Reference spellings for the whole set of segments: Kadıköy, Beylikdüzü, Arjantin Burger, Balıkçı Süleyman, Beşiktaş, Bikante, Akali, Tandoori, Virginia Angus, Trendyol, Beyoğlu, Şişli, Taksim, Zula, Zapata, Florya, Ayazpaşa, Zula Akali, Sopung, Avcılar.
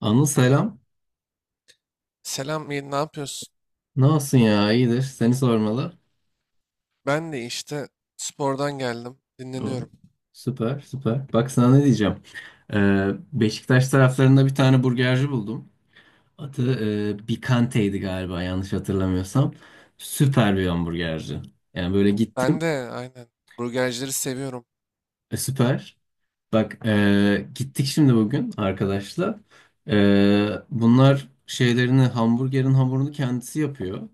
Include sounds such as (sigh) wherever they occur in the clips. Anıl selam. Selam, iyi, ne yapıyorsun? Ne olsun ya iyidir. Seni sormalı. Ben de işte spordan geldim, O, dinleniyorum. süper süper. Bak sana ne diyeceğim. Beşiktaş taraflarında bir tane burgerci buldum. Adı Bikante'ydi galiba yanlış hatırlamıyorsam. Süper bir hamburgerci. Yani böyle Ben gittim. de aynen burgercileri seviyorum. Süper. Bak gittik şimdi bugün arkadaşla. Bunlar şeylerini hamburgerin hamurunu kendisi yapıyor.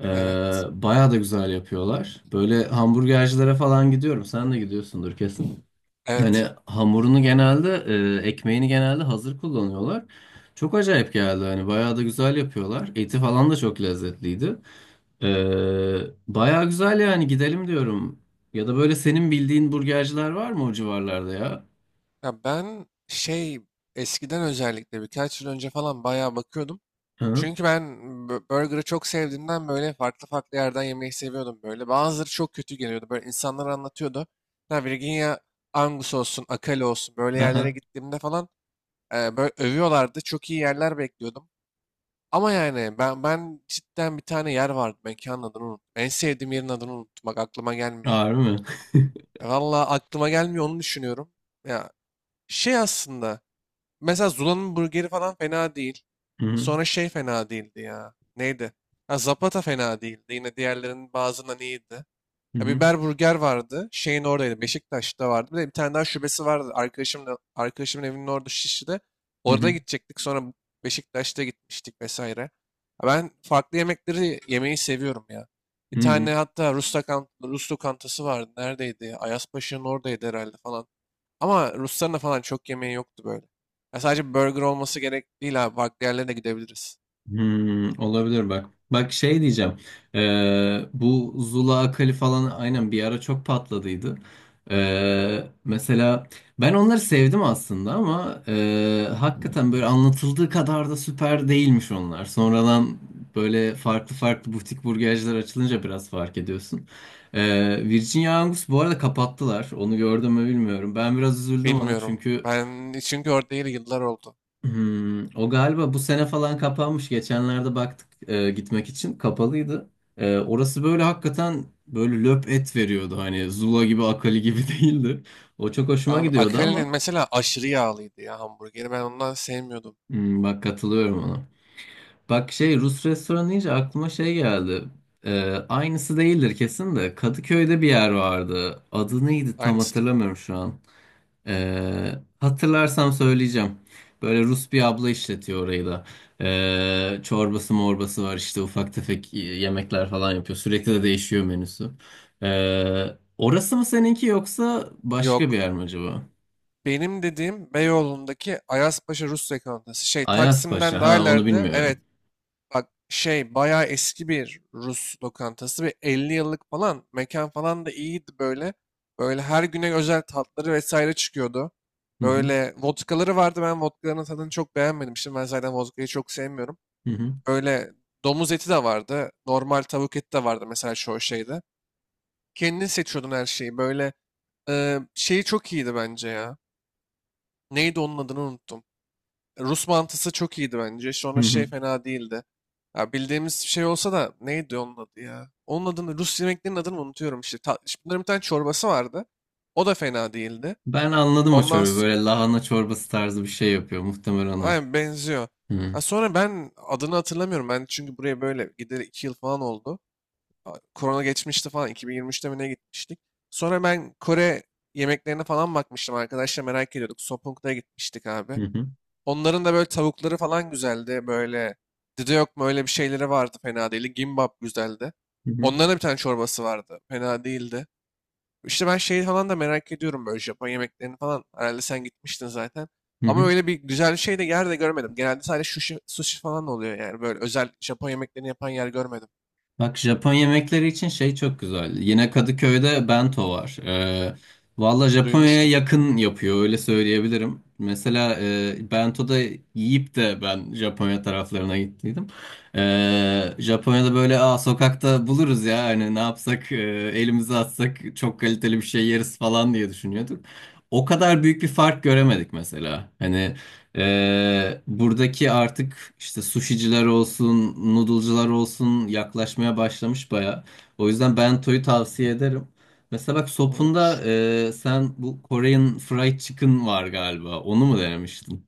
Ee, Evet, Bayağı da güzel yapıyorlar. Böyle hamburgercilere falan gidiyorum. Sen de gidiyorsundur kesin. Hani evet. hamurunu genelde, ekmeğini genelde hazır kullanıyorlar. Çok acayip geldi hani bayağı da güzel yapıyorlar. Eti falan da çok lezzetliydi. Ee, Bayağı güzel yani gidelim diyorum. Ya da böyle senin bildiğin burgerciler var mı o civarlarda ya? Ya ben şey eskiden özellikle birkaç yıl önce falan bayağı bakıyordum. Hı? Çünkü ben burgerı çok sevdiğimden böyle farklı farklı yerden yemeyi seviyordum böyle. Bazıları çok kötü geliyordu. Böyle insanlar anlatıyordu. Ya Virginia Angus olsun, Akali olsun böyle yerlere Aha. gittiğimde falan böyle övüyorlardı. Çok iyi yerler bekliyordum. Ama yani ben cidden bir tane yer vardı. Mekanın adını unuttum. En sevdiğim yerin adını unuttum. Bak aklıma gelmiyor. Ağır mı? (laughs) Vallahi aklıma gelmiyor onu düşünüyorum. Ya şey aslında. Mesela Zula'nın burgeri falan fena değil. Hı hı. Sonra şey fena değildi ya. Neydi? Ha, Zapata fena değildi. Yine diğerlerinin bazılarından iyiydi. Hı Ya hı. biber burger vardı. Şeyin oradaydı. Beşiktaş'ta vardı. Bir de bir tane daha şubesi vardı. Arkadaşımın evinin orada Şişli'de. Hı Orada hı. gidecektik. Sonra Beşiktaş'ta gitmiştik vesaire. Ya ben farklı yemekleri yemeyi seviyorum ya. Bir Hı hı. tane hatta Rus, Rus lokantası vardı. Neredeydi? Ayazpaşa'nın oradaydı herhalde falan. Ama Rusların da falan çok yemeği yoktu böyle. Ya sadece burger olması gerek değil abi. Farklı yerlere de gidebiliriz. Hmm, olabilir bak. Bak şey diyeceğim. Bu Zula Akali falan aynen bir ara çok patladıydı. Mesela ben onları sevdim aslında ama hakikaten böyle anlatıldığı kadar da süper değilmiş onlar. Sonradan böyle farklı farklı butik burgerciler açılınca biraz fark ediyorsun. Virginia Angus bu arada kapattılar. Onu gördüm mü bilmiyorum. Ben biraz üzüldüm ona Bilmiyorum. çünkü Ben çünkü orada değil yıllar oldu. hmm, o galiba bu sene falan kapanmış. Geçenlerde baktık gitmek için kapalıydı. Orası böyle hakikaten böyle löp et veriyordu. Hani Zula gibi Akali gibi (laughs) değildi. O çok hoşuma Abi gidiyordu Akali'nin ama mesela aşırı yağlıydı ya hamburgeri. Ben ondan sevmiyordum. hmm, bak katılıyorum ona. Bak şey Rus restoranı deyince aklıma şey geldi. E, Aynısı değildir kesin de Kadıköy'de bir yer vardı. Adı neydi tam Aynısı değil. hatırlamıyorum şu an. Ee, Hatırlarsam söyleyeceğim. Böyle Rus bir abla işletiyor orayı da. Çorbası morbası var işte ufak tefek yemekler falan yapıyor. Sürekli de değişiyor menüsü. Ee, Orası mı seninki yoksa başka bir Yok. yer mi acaba? Benim dediğim Beyoğlu'ndaki Ayazpaşa Rus lokantası. Şey Taksim'den Ayazpaşa daha ha onu ileride. Evet. bilmiyorum. Bak şey bayağı eski bir Rus lokantası. Bir 50 yıllık falan. Mekan falan da iyiydi böyle. Böyle her güne özel tatları vesaire çıkıyordu. Hı hı, Böyle vodkaları vardı. Ben vodkaların tadını çok beğenmedim. Şimdi ben zaten vodkayı çok sevmiyorum. hı hı, Böyle domuz eti de vardı. Normal tavuk eti de vardı mesela şu şeyde. Kendin seçiyordun her şeyi. Böyle şeyi çok iyiydi bence ya. Neydi onun adını unuttum. Rus mantısı çok iyiydi bence. hı Sonra şey hı. fena değildi. Ya bildiğimiz bir şey olsa da neydi onun adı ya? Onun adını Rus yemeklerinin adını unutuyorum işte. Ta, işte bunların bir tane çorbası vardı. O da fena değildi. Ben anladım o Ondan çorbayı. s- Böyle lahana çorbası tarzı bir şey yapıyor. Muhtemelen o. aynen benziyor. Hı hı, Ha, sonra ben adını hatırlamıyorum. Ben çünkü buraya böyle gideli 2 yıl falan oldu. Korona geçmişti falan 2023'te mi ne gitmiştik. Sonra ben Kore yemeklerine falan bakmıştım, arkadaşlar merak ediyorduk. Sopung'da gitmiştik hı abi. hı, Onların da böyle tavukları falan güzeldi. Böyle dide yok mu öyle bir şeyleri vardı fena değildi. Gimbap güzeldi. hı hı, Onların da bir tane çorbası vardı. Fena değildi. İşte ben şeyi falan da merak ediyorum böyle Japon yemeklerini falan. Herhalde sen gitmiştin zaten. hı Ama hı. öyle bir güzel şey de yer de görmedim. Genelde sadece sushi, sushi falan oluyor yani. Böyle özel Japon yemeklerini yapan yer görmedim. Bak Japon yemekleri için şey çok güzel. Yine Kadıköy'de bento var. Valla Japonya'ya Duymuştum. yakın yapıyor öyle söyleyebilirim. Mesela bento'da yiyip de ben Japonya taraflarına gittiydim. Japonya'da böyle aa, sokakta buluruz ya hani ne yapsak elimizi atsak çok kaliteli bir şey yeriz falan diye düşünüyorduk. O kadar büyük bir fark göremedik mesela. Hani buradaki artık işte sushiciler olsun, noodle'cılar olsun yaklaşmaya başlamış baya. O yüzden bento'yu tavsiye ederim. Mesela bak Olur sopunda olur. Sen bu Korean fried chicken var galiba. Onu mu denemiştin?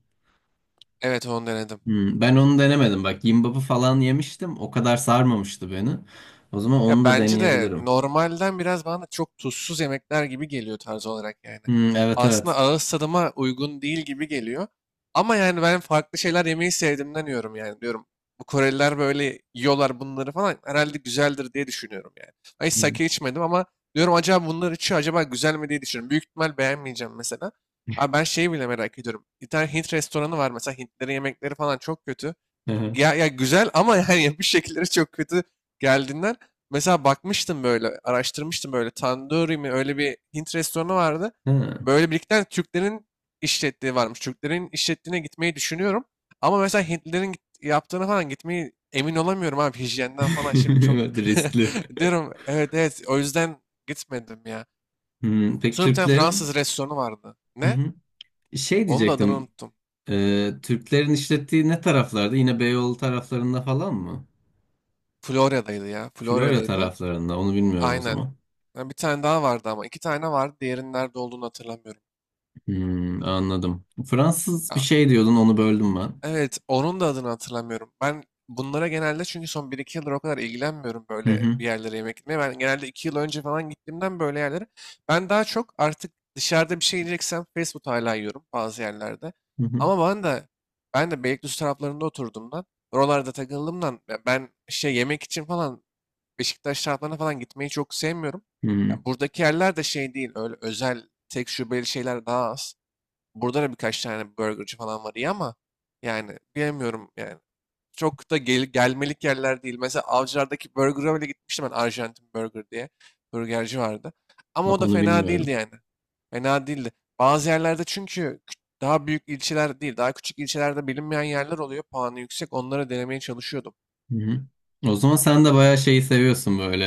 Evet onu denedim. Hmm, ben onu denemedim. Bak gimbap'ı falan yemiştim. O kadar sarmamıştı beni. O zaman onu Ya da bence de deneyebilirim. normalden biraz bana çok tuzsuz yemekler gibi geliyor tarz olarak yani. Hmm, evet Aslında evet. ağız tadıma uygun değil gibi geliyor. Ama yani ben farklı şeyler yemeyi sevdiğimden yiyorum yani diyorum. Bu Koreliler böyle yiyorlar bunları falan herhalde güzeldir diye düşünüyorum yani. Ben hiç Hmm. sake içmedim ama diyorum acaba bunlar içiyor acaba güzel mi diye düşünüyorum. Büyük ihtimal beğenmeyeceğim mesela. Abi ben şeyi bile merak ediyorum. Bir tane Hint restoranı var mesela, Hintlerin yemekleri falan çok kötü. Hı hı. Ya, ya güzel ama (laughs) yani yapış şekilleri çok kötü geldiğinden. Mesela bakmıştım böyle, araştırmıştım böyle. Tandoori mi öyle bir Hint restoranı vardı. Hı. Böyle birlikte Türklerin işlettiği varmış. Türklerin işlettiğine gitmeyi düşünüyorum. Ama mesela Hintlilerin yaptığına falan gitmeyi emin olamıyorum abi. Hijyenden falan şimdi (laughs) çok Evet riskli. (laughs) diyorum. Evet evet o yüzden gitmedim ya. Hmm, peki Sonra bir tane Türklerin? Fransız restoranı vardı. Hı Ne? hı. Şey Onun da adını diyecektim. unuttum. Türklerin işlettiği ne taraflarda? Yine Beyoğlu taraflarında falan mı? Florya'daydı ya. Florya Florya'daydı. taraflarında. Onu bilmiyorum o Aynen. zaman. Ha, bir tane daha vardı ama. İki tane vardı. Diğerinin nerede olduğunu hatırlamıyorum. Hmm, anladım. Fransız bir şey diyordun, onu böldüm ben. Evet, onun da adını hatırlamıyorum. Ben bunlara genelde çünkü son bir iki yıldır o kadar ilgilenmiyorum Hı böyle hı, bir yerlere yemek gitmeye. Ben genelde 2 yıl önce falan gittiğimden böyle yerlere. Ben daha çok artık dışarıda bir şey yiyeceksem fast food hala yiyorum bazı yerlerde. hı hı, Ama ben de Beylikdüzü taraflarında oturduğumdan, oralarda takıldığımdan ya ben şey yemek için falan Beşiktaş taraflarına falan gitmeyi çok sevmiyorum. hı. Hı. Ya buradaki yerler de şey değil, öyle özel tek şubeli şeyler daha az. Burada da birkaç tane burgerci falan var iyi ama yani bilemiyorum yani. Çok da gelmelik yerler değil. Mesela Avcılar'daki burger'a bile gitmiştim ben, Arjantin Burger diye. Burgerci vardı. Ama Bak o da onu fena değildi bilmiyorum. yani. Fena değildi. Bazı yerlerde çünkü daha büyük ilçeler değil, daha küçük ilçelerde bilinmeyen yerler oluyor. Puanı yüksek. Onları denemeye çalışıyordum. Hı hı. O zaman sen de bayağı şeyi seviyorsun böyle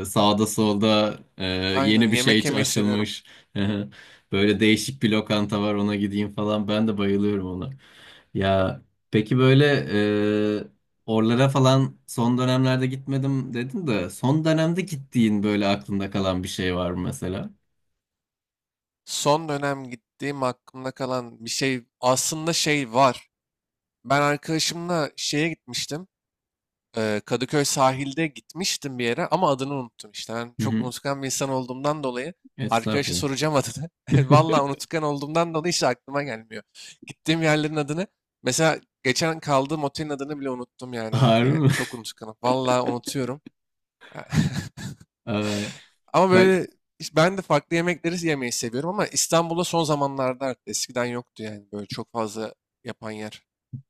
sağda solda Aynen yeni bir şey yemek yemeyi seviyorum. açılmış. (laughs) Böyle değişik bir lokanta var ona gideyim falan. Ben de bayılıyorum ona. Ya peki böyle e, oralara falan son dönemlerde gitmedim dedin de son dönemde gittiğin böyle aklında kalan bir şey var mı mesela? Son dönem gittiğim aklımda kalan bir şey aslında şey var. Ben arkadaşımla şeye gitmiştim. Kadıköy sahilde gitmiştim bir yere ama adını unuttum işte. Ben Hı çok hı. unutkan bir insan olduğumdan dolayı arkadaşa Estağfurullah. soracağım adını. (laughs) Vallahi (laughs) unutkan olduğumdan dolayı hiç aklıma gelmiyor. Gittiğim yerlerin adını. Mesela geçen kaldığım otelin adını bile unuttum yani abi Harbi yani. mi? Çok unutkanım. Vallahi unutuyorum. (laughs) (laughs) Ay, Ama bak böyle işte ben de farklı yemekleri yemeyi seviyorum ama İstanbul'da son zamanlarda arttı. Eskiden yoktu yani böyle çok fazla yapan yer.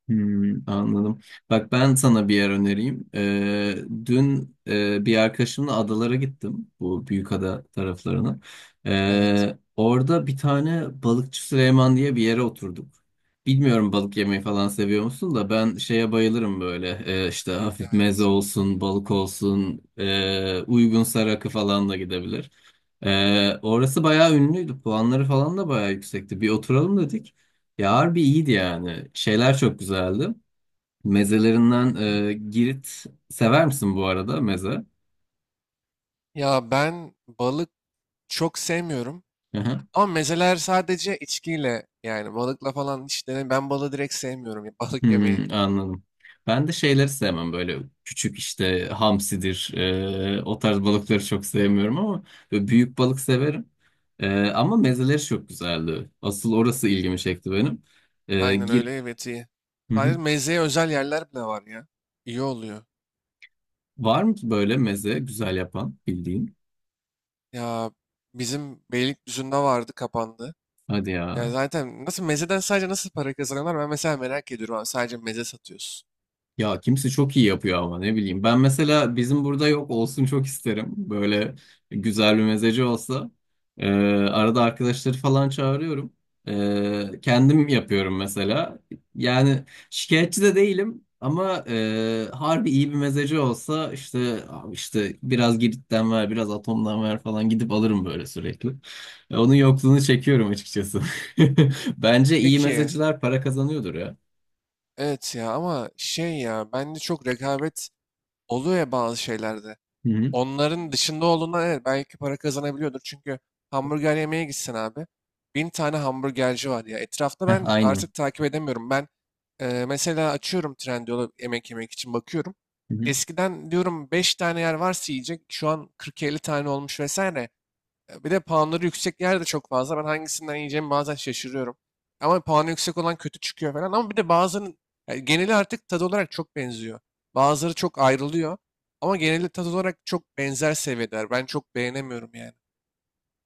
hmm, anladım. Bak ben sana bir yer önereyim. Dün bir arkadaşımla adalara gittim. Bu Büyükada taraflarına. Evet. Orada bir tane Balıkçı Süleyman diye bir yere oturduk. Bilmiyorum balık yemeyi falan seviyor musun da ben şeye bayılırım böyle. İşte hafif meze Evet. olsun, balık olsun, uygunsa rakı falan da gidebilir. Orası bayağı ünlüydü. Puanları falan da bayağı yüksekti. Bir oturalım dedik. Ya harbi iyiydi yani. Şeyler çok güzeldi. Mezelerinden Girit sever misin bu arada meze? Ya ben balık çok sevmiyorum. Hı hı. Ama mezeler sadece içkiyle, yani balıkla falan hiç denem. Ben balığı direkt sevmiyorum ya (laughs) balık yemeyi. Hmm, anladım. Ben de şeyleri sevmem böyle küçük işte hamsidir o tarz balıkları çok sevmiyorum ama böyle büyük balık severim. Ama mezeleri çok güzeldi. Asıl orası ilgimi çekti benim. E, Aynen gir... öyle, evet, iyi. Hı Sadece hı. mezeye özel yerler bile var ya. İyi oluyor. Var mı ki böyle meze güzel yapan bildiğin? Ya bizim Beylikdüzü'nde vardı, kapandı. Hadi Ya ya. zaten nasıl mezeden sadece nasıl para kazanıyorlar ben mesela merak ediyorum. Abi, sadece meze satıyorsun. Ya kimse çok iyi yapıyor ama ne bileyim. Ben mesela bizim burada yok olsun çok isterim. Böyle güzel bir mezeci olsa. Ee, Arada arkadaşları falan çağırıyorum. Kendim yapıyorum mesela. Yani şikayetçi de değilim ama harbi iyi bir mezeci olsa işte abi işte biraz Girit'ten ver, biraz Atom'dan ver falan gidip alırım böyle sürekli. Onun yokluğunu çekiyorum açıkçası. (laughs) Bence iyi Peki mezeciler para kazanıyordur ya. evet ya ama şey ya bence çok rekabet oluyor ya bazı şeylerde. Hı hı. Onların dışında olduğundan evet belki para kazanabiliyordur. Çünkü hamburger yemeye gitsen abi. Bin tane hamburgerci var ya. Etrafta Heh, ben aynen. artık takip edemiyorum. Ben mesela açıyorum Trendyol'u yemek yemek için bakıyorum. Eskiden diyorum 5 tane yer varsa yiyecek. Şu an 40-50 tane olmuş vesaire. Bir de puanları yüksek yer de çok fazla. Ben hangisinden yiyeceğimi bazen şaşırıyorum. Ama puanı yüksek olan kötü çıkıyor falan. Ama bir de bazının yani geneli artık tadı olarak çok benziyor. Bazıları çok ayrılıyor. Ama geneli tadı olarak çok benzer seviyeler. Ben çok beğenemiyorum yani.